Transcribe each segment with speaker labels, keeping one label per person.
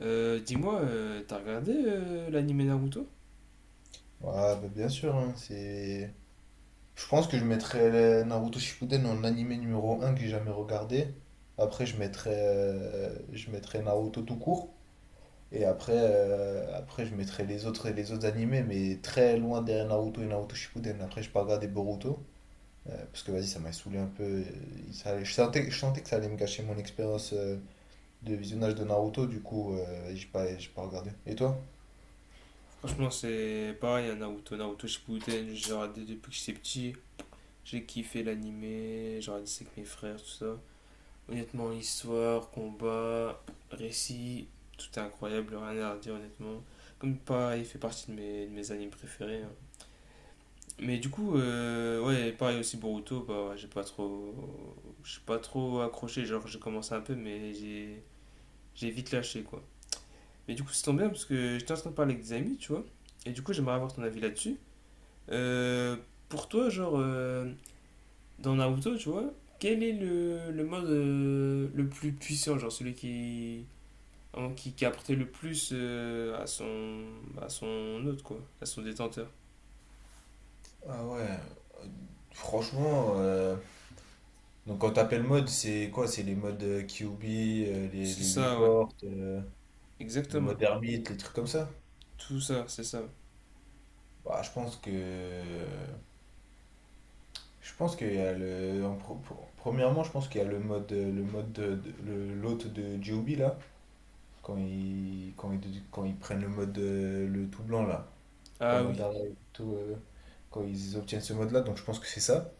Speaker 1: T'as regardé l'anime Naruto?
Speaker 2: Ouais, bah, bien sûr, hein, c'est... Je pense que je mettrais Naruto Shippuden en animé numéro un que j'ai jamais regardé. Après, je mettrais Naruto tout court. Et après, après je mettrais les autres animés, mais très loin derrière Naruto et Naruto Shippuden. Après, je pas regardé Boruto, parce que, vas-y, ça m'a saoulé un peu. Je sentais que ça allait me gâcher mon expérience de visionnage de Naruto. Du coup, j'ai pas regardé. Et toi?
Speaker 1: Franchement, c'est pareil, un Naruto, Naruto Shippuden, j'ai regardé depuis que j'étais petit, j'ai kiffé l'anime, j'ai regardé ça avec mes frères, tout ça. Honnêtement, histoire, combat, récit, tout est incroyable, rien à redire honnêtement. Comme pareil, il fait partie de mes animes préférés, hein. Mais du coup, ouais, pareil aussi Boruto, bah ouais, j'ai pas trop accroché, genre j'ai commencé un peu, j'ai vite lâché quoi. Mais du coup, c'est tombé bien parce que j'étais en train de parler avec des amis, tu vois. Et du coup, j'aimerais avoir ton avis là-dessus. Euh, pour toi, dans Naruto, tu vois, quel est le mode le plus puissant, genre celui qui, hein, qui a apporté le plus à son hôte, quoi, à son détenteur.
Speaker 2: Ah ouais, euh, franchement, donc quand t'appelles mode, c'est quoi? C'est les modes QB,
Speaker 1: C'est
Speaker 2: les
Speaker 1: ça, ouais,
Speaker 2: reports, le
Speaker 1: exactement.
Speaker 2: mode ermite, les trucs comme ça?
Speaker 1: Tout ça, c'est ça.
Speaker 2: Bah, je pense que je pense qu'il y a le premièrement, je pense qu'il y a le mode l'hôte de Joby là quand ils quand ils prennent le mode le tout blanc là, quand
Speaker 1: Ah oui.
Speaker 2: Madara et tout quand ils obtiennent ce mode là, donc je pense que c'est ça.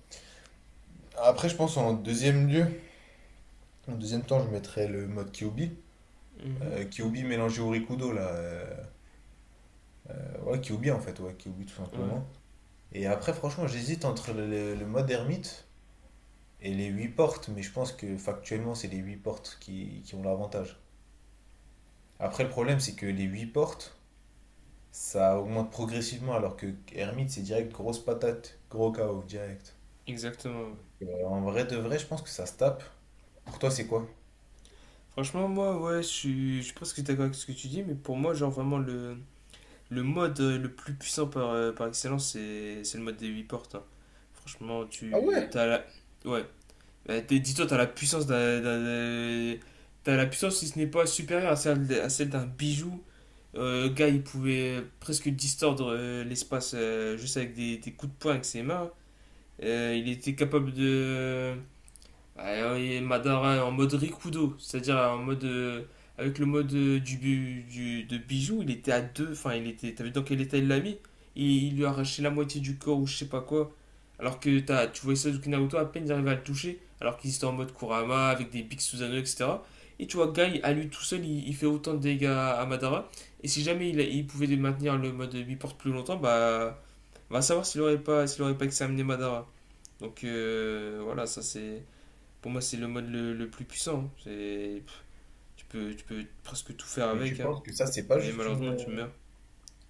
Speaker 2: Après, je pense en deuxième lieu, en deuxième temps, je mettrais le mode QB,
Speaker 1: Mhm.
Speaker 2: QB mélangé au Rikudo là. Ouais, Kyuubi en fait, ouais, Kyuubi tout
Speaker 1: Ouais,
Speaker 2: simplement. Et après, franchement, j'hésite entre le mode ermite et les 8 portes, mais je pense que factuellement, c'est les 8 portes qui ont l'avantage. Après, le problème, c'est que les 8 portes, ça augmente progressivement, alors que ermite, c'est direct grosse patate, gros chaos, direct.
Speaker 1: exactement, ouais.
Speaker 2: En vrai de vrai, je pense que ça se tape. Pour toi, c'est quoi?
Speaker 1: Franchement, moi, ouais, je suis presque d'accord avec ce que tu dis, mais pour moi, genre, vraiment, le mode le plus puissant par, par excellence, c'est le mode des 8 portes, hein. Franchement,
Speaker 2: Ah
Speaker 1: tu.
Speaker 2: ouais?
Speaker 1: T'as la. Ouais. Dis-toi, T'as la puissance, si ce n'est pas supérieure à celle d'un bijou. Le gars, il pouvait presque distordre l'espace juste avec des coups de poing avec ses mains. Il était capable de. Et Madara en mode Rikudo, c'est-à-dire en mode avec le mode de bijou, il était à deux, enfin il était, t'as vu dans quel état il l'a mis? Il lui a arraché la moitié du corps ou je sais pas quoi. Alors que t'as, tu vois Sasuke Naruto à peine il arrivait à le toucher, alors qu'il était en mode Kurama avec des Big Susanoo etc. Et tu vois Guy à lui tout seul, il fait autant de dégâts à Madara. Et si jamais il pouvait maintenir le mode mi-porte plus longtemps, bah, on va savoir s'il aurait pas examiné Madara. Donc voilà, ça c'est. Pour moi, c'est le mode le plus puissant, hein. C'est, tu peux presque tout faire
Speaker 2: Mais tu
Speaker 1: avec, hein.
Speaker 2: penses que ça, c'est pas
Speaker 1: Mais
Speaker 2: juste
Speaker 1: malheureusement,
Speaker 2: une.
Speaker 1: tu meurs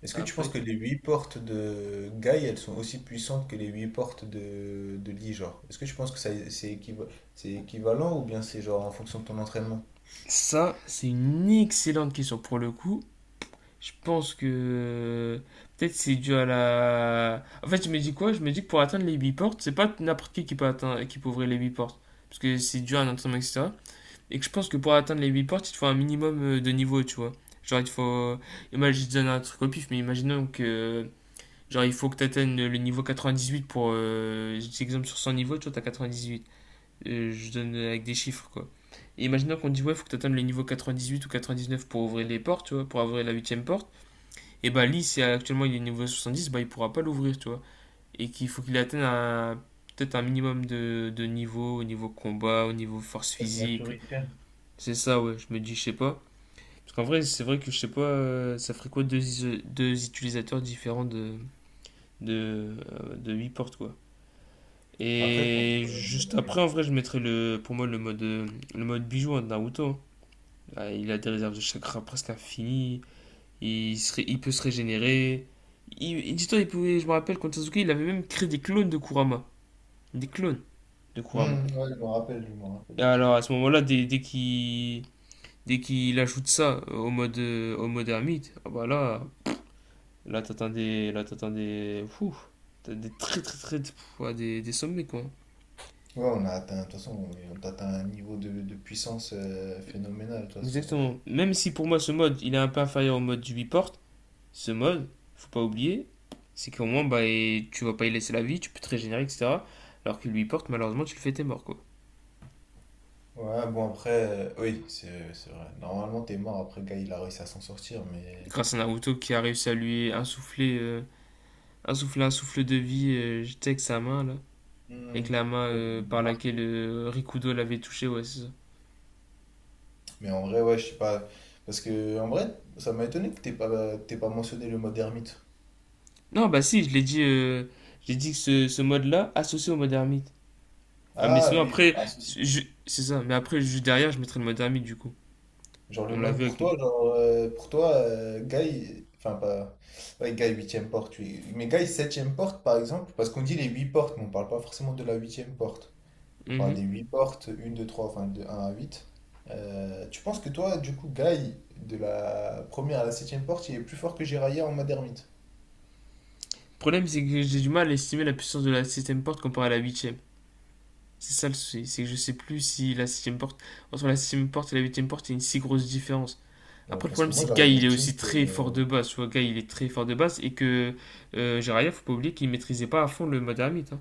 Speaker 2: Est-ce que tu penses
Speaker 1: après.
Speaker 2: que les huit portes de Guy, elles sont aussi puissantes que les huit portes de Lee, genre? Est-ce que tu penses que ça, c'est équivalent ou bien c'est genre en fonction de ton entraînement?
Speaker 1: Ça, c'est une excellente question pour le coup. Je pense que peut-être c'est dû à la. En fait, je me dis quoi? Je me dis que pour atteindre les 8 portes, c'est pas n'importe qui peut atteindre, qui peut ouvrir les 8 portes. Parce que c'est dur à un entraînement, etc. Et que je pense que pour atteindre les 8 portes, il te faut un minimum de niveau, tu vois. Genre, il te faut. Imagine, je donne un truc au pif, mais imaginons que genre, il faut que tu atteignes le niveau 98 pour. J'exemple sur 100 niveaux, tu vois, t'as 98. Je donne avec des chiffres, quoi. Et imaginons qu'on te dit, ouais, il faut que tu atteignes le niveau 98 ou 99 pour ouvrir les portes, tu vois, pour ouvrir la huitième porte. Et bah, lui, si actuellement il est niveau 70, bah, il pourra pas l'ouvrir, tu vois. Et qu'il faut qu'il atteigne un peut-être un minimum de niveau, au niveau combat, au niveau force
Speaker 2: Ouais, de
Speaker 1: physique.
Speaker 2: maturité.
Speaker 1: C'est ça, ouais, je me dis, je sais pas. Parce qu'en vrai, c'est vrai que je sais pas, ça ferait quoi deux, deux utilisateurs différents de 8 portes, quoi.
Speaker 2: Après,
Speaker 1: Et
Speaker 2: contre...
Speaker 1: juste après, en vrai, pour moi le mode bijou hein, de Naruto, hein. Ah, il a des réserves de chakra presque infinies. Il peut se régénérer. Dis-toi, il pouvait, je me rappelle, quand Sasuke, il avait même créé des clones de Kurama. Des clones de Kurama.
Speaker 2: hmm, ouais, je me rappelle
Speaker 1: Et
Speaker 2: de ça.
Speaker 1: alors, à ce moment-là, dès qu'il ajoute ça au mode ermite, ah bah là, là t'attends des, fou, t'as des très très très, pff, ouais, des sommets quoi.
Speaker 2: Ouais, on a atteint, de toute façon, on a atteint un niveau de puissance phénoménal, de toute façon. Et,
Speaker 1: Exactement. Même si pour moi ce mode il est un peu inférieur au mode du biport, ce mode, faut pas oublier, c'est qu'au moins bah, et tu vas pas y laisser la vie, tu peux te régénérer, etc. Alors que le biport, malheureusement, tu le fais t'es mort quoi.
Speaker 2: ouais, bon, après, oui, c'est vrai. Normalement, t'es mort après Guy, il a réussi à s'en sortir, mais...
Speaker 1: Grâce à Naruto qui a réussi à lui insuffler insouffler un souffle de vie, j'étais avec sa main là. Avec
Speaker 2: Hmm.
Speaker 1: la main par laquelle Rikudo l'avait touché, ouais, c'est ça.
Speaker 2: Mais en vrai, ouais, je sais pas. Parce que, en vrai, ça m'a étonné que t'aies pas mentionné le mode ermite.
Speaker 1: Non, bah si, je l'ai dit, j'ai dit que ce mode-là associé au mode ermite. Ah, mais
Speaker 2: Ah
Speaker 1: sinon
Speaker 2: oui,
Speaker 1: après,
Speaker 2: ah, si, si.
Speaker 1: c'est ça, mais après, juste derrière, je mettrai le mode ermite du coup.
Speaker 2: Genre le
Speaker 1: On l'a
Speaker 2: mode
Speaker 1: vu
Speaker 2: pour
Speaker 1: avec
Speaker 2: toi, genre, pour toi, Guy, enfin pas. Ouais, Guy, huitième porte, oui. Mais Guy, septième porte, par exemple, parce qu'on dit les 8 portes, mais on parle pas forcément de la huitième porte. On parle
Speaker 1: mhm.
Speaker 2: des 8 portes, une 2 3 enfin de 1 à huit. Tu penses que toi, du coup, Guy, de la première à la septième porte, il est plus fort que Jiraiya en mode ermite?
Speaker 1: Le problème, c'est que j'ai du mal à estimer la puissance de la septième porte comparée à la huitième. C'est ça le souci, c'est que je sais plus si la septième porte, entre la septième porte et la huitième porte, il y a une si grosse différence.
Speaker 2: Ouais,
Speaker 1: Après, le
Speaker 2: parce
Speaker 1: problème,
Speaker 2: que
Speaker 1: c'est
Speaker 2: moi,
Speaker 1: que
Speaker 2: j'arrive
Speaker 1: Guy,
Speaker 2: à
Speaker 1: il est
Speaker 2: estimer.
Speaker 1: aussi très fort de base. Tu vois, Guy, il est très fort de base et que Jiraiya, faut pas oublier qu'il maîtrisait pas à fond le mode ermite, hein.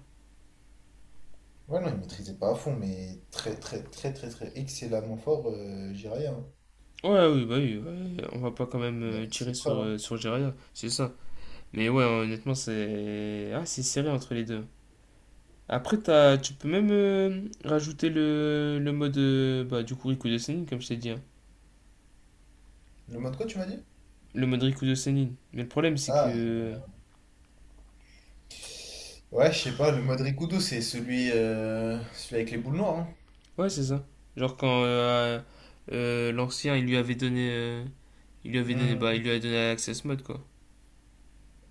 Speaker 2: Ouais, non, il maîtrisait pas à fond, mais très excellemment fort, Jiraiya, hein.
Speaker 1: Ouais, oui, bah oui, ouais, on va pas quand même
Speaker 2: Il a
Speaker 1: euh,
Speaker 2: fait
Speaker 1: tirer
Speaker 2: ses
Speaker 1: sur,
Speaker 2: preuves, hein.
Speaker 1: euh, sur Jiraiya, c'est ça. Mais ouais, honnêtement, c'est. Ah, c'est serré entre les deux. Après, tu peux même rajouter le mode bah, du coup Rikudo Senin, comme je t'ai dit, hein.
Speaker 2: Le mode quoi, tu m'as dit?
Speaker 1: Le mode Rikudo Senin. Mais le problème, c'est
Speaker 2: Ah,
Speaker 1: que.
Speaker 2: ouais, je sais pas, le mode Rikudo, c'est celui, celui avec les boules noires.
Speaker 1: Ouais, c'est ça. Genre, quand l'ancien, il lui avait donné. Il lui avait donné.
Speaker 2: Hein.
Speaker 1: Bah, il
Speaker 2: Hmm.
Speaker 1: lui a donné l'access mode, quoi.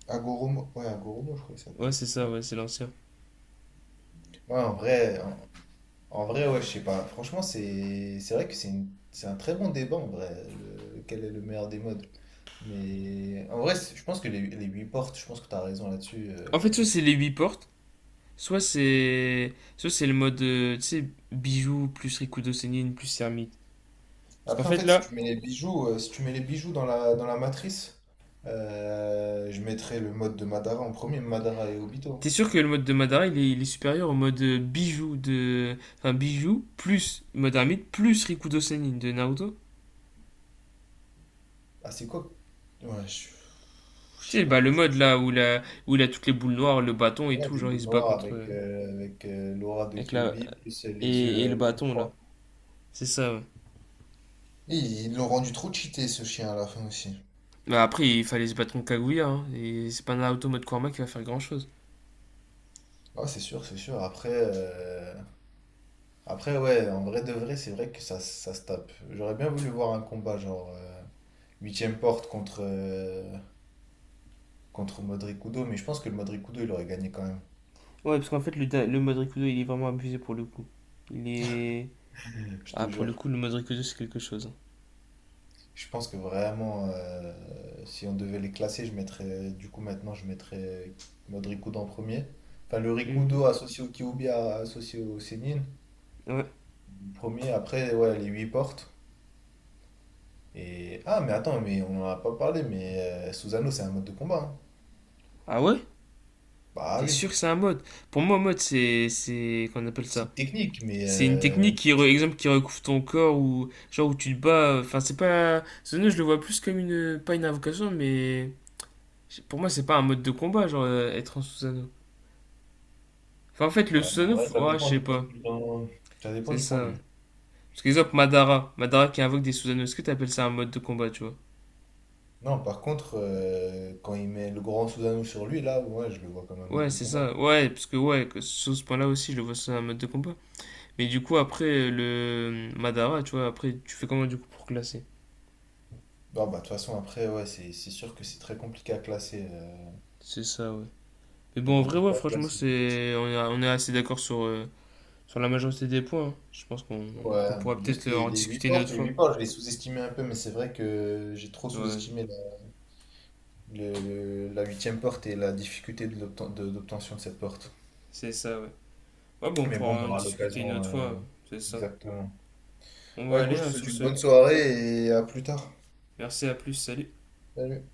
Speaker 2: Agoromo, ouais, Agoromo, je crois qu'il
Speaker 1: Ouais,
Speaker 2: s'appelle.
Speaker 1: c'est ça,
Speaker 2: Ouais.
Speaker 1: ouais, c'est l'ancien.
Speaker 2: Ouais, en vrai, en, en vrai, ouais, je sais pas. Franchement, c'est vrai que c'est un très bon débat, en vrai, le- quel est le meilleur des modes. Mais en vrai, c'est- je pense que les 8 portes, je pense que t'as raison là-dessus. Euh,
Speaker 1: En fait, soit c'est les 8 portes, Soit c'est le mode. Tu sais, bijoux plus Rikudo Senin plus Hermite. Parce qu'en
Speaker 2: après, en
Speaker 1: fait,
Speaker 2: fait, si
Speaker 1: là,
Speaker 2: tu mets les bijoux, si tu mets les bijoux dans dans la matrice, je mettrais le mode de Madara en premier, Madara et Obito.
Speaker 1: T'es sûr que le mode de Madara il est supérieur au mode bijou de. Enfin, bijou plus mode ermite plus Rikudo Senin de Naruto?
Speaker 2: Ah, c'est quoi? Ouais, je
Speaker 1: Tu
Speaker 2: sais
Speaker 1: sais,
Speaker 2: pas,
Speaker 1: bah, le
Speaker 2: franchement.
Speaker 1: mode
Speaker 2: Je-
Speaker 1: là où il a toutes les boules noires, le bâton et
Speaker 2: ouais,
Speaker 1: tout,
Speaker 2: des
Speaker 1: genre il
Speaker 2: boules
Speaker 1: se bat
Speaker 2: noires
Speaker 1: contre.
Speaker 2: avec, avec l'aura de
Speaker 1: Avec la...
Speaker 2: Kyuubi, plus les yeux
Speaker 1: et le
Speaker 2: en
Speaker 1: bâton là.
Speaker 2: croix.
Speaker 1: C'est ça, ouais.
Speaker 2: Et ils l'ont rendu trop cheaté, ce chien, à la fin aussi.
Speaker 1: Bah, après, il fallait se battre contre Kaguya, hein, et c'est pas Naruto mode Kurama qui va faire grand chose.
Speaker 2: Ah, c'est sûr, c'est sûr. Après, après, ouais, en vrai de vrai, c'est vrai que ça se tape. J'aurais bien voulu voir un combat genre huitième porte contre, contre Modric-Kudo, mais je pense que le Modric-Kudo, il aurait gagné quand même.
Speaker 1: Ouais, parce qu'en fait, le mode Rikudo il est vraiment abusé pour le coup. Il est.
Speaker 2: Mm. Je te
Speaker 1: Ah, pour le
Speaker 2: jure.
Speaker 1: coup, le mode Rikudo c'est quelque chose, hein.
Speaker 2: Je pense que vraiment, si on devait les classer, je mettrais, du coup, maintenant, je mettrais Modric-Kudo en premier. Enfin, le
Speaker 1: Mm-hmm.
Speaker 2: Rikudo associé au Kiubia, associé au Sénine.
Speaker 1: Ouais.
Speaker 2: Premier, après, ouais, les huit portes. Et... ah, mais attends, mais on n'en a pas parlé, mais Susano, c'est un mode de combat, hein.
Speaker 1: Ah ouais?
Speaker 2: Bah
Speaker 1: T'es
Speaker 2: oui,
Speaker 1: sûr que c'est un mode? Pour moi, mode, qu'on appelle
Speaker 2: c'est
Speaker 1: ça?
Speaker 2: une technique, mais
Speaker 1: C'est une technique qui, qui recouvre ton corps ou, genre, où tu te bats. Enfin, c'est pas, Zono, je le vois plus comme une, pas une invocation, mais, pour moi, c'est pas un mode de combat, être en Susanoo. Enfin, en fait,
Speaker 2: ouais, en vrai, ça
Speaker 1: Ouais, je
Speaker 2: dépend
Speaker 1: sais
Speaker 2: du point
Speaker 1: pas.
Speaker 2: de vue. Ça dépend
Speaker 1: C'est
Speaker 2: du point
Speaker 1: ça,
Speaker 2: de
Speaker 1: ouais.
Speaker 2: vue.
Speaker 1: Parce qu'exemple, Madara. Madara qui invoque des Susanoo, est-ce que t'appelles ça un mode de combat, tu vois?
Speaker 2: Non, par contre, quand il met le grand Susanoo sur lui, là, ouais, je le vois comme un mode
Speaker 1: Ouais,
Speaker 2: de
Speaker 1: c'est
Speaker 2: combat.
Speaker 1: ça. Ouais, parce que, ouais, que sur ce point-là aussi, je le vois, c'est un mode de combat. Mais du coup, après, le Madara, tu vois, après, tu fais comment, du coup, pour classer?
Speaker 2: Non, bah, de toute façon, après, ouais, c'est sûr que c'est très compliqué à classer.
Speaker 1: C'est ça, ouais. Mais
Speaker 2: Très
Speaker 1: bon, en vrai,
Speaker 2: compliqué
Speaker 1: ouais,
Speaker 2: à
Speaker 1: franchement,
Speaker 2: classer.
Speaker 1: c'est... on est assez d'accord sur, sur la majorité des points, hein. Je pense qu'on
Speaker 2: Ouais,
Speaker 1: Qu'on pourra
Speaker 2: juste
Speaker 1: peut-être en
Speaker 2: les 8
Speaker 1: discuter une
Speaker 2: portes,
Speaker 1: autre
Speaker 2: les
Speaker 1: fois.
Speaker 2: 8 portes, je les sous-estimais un peu, mais c'est vrai que j'ai trop
Speaker 1: Ouais,
Speaker 2: sous-estimé le- la huitième porte et la difficulté de d'obtention de cette porte.
Speaker 1: c'est ça, ouais. Ouais, bon, on
Speaker 2: Mais bon, on
Speaker 1: pourra en
Speaker 2: aura
Speaker 1: discuter une autre
Speaker 2: l'occasion,
Speaker 1: fois, c'est ça.
Speaker 2: exactement.
Speaker 1: On va
Speaker 2: Ouais, écoute,
Speaker 1: aller
Speaker 2: je te
Speaker 1: hein,
Speaker 2: souhaite
Speaker 1: sur
Speaker 2: une
Speaker 1: ce.
Speaker 2: bonne soirée et à plus tard.
Speaker 1: Merci, à plus, salut.
Speaker 2: Salut.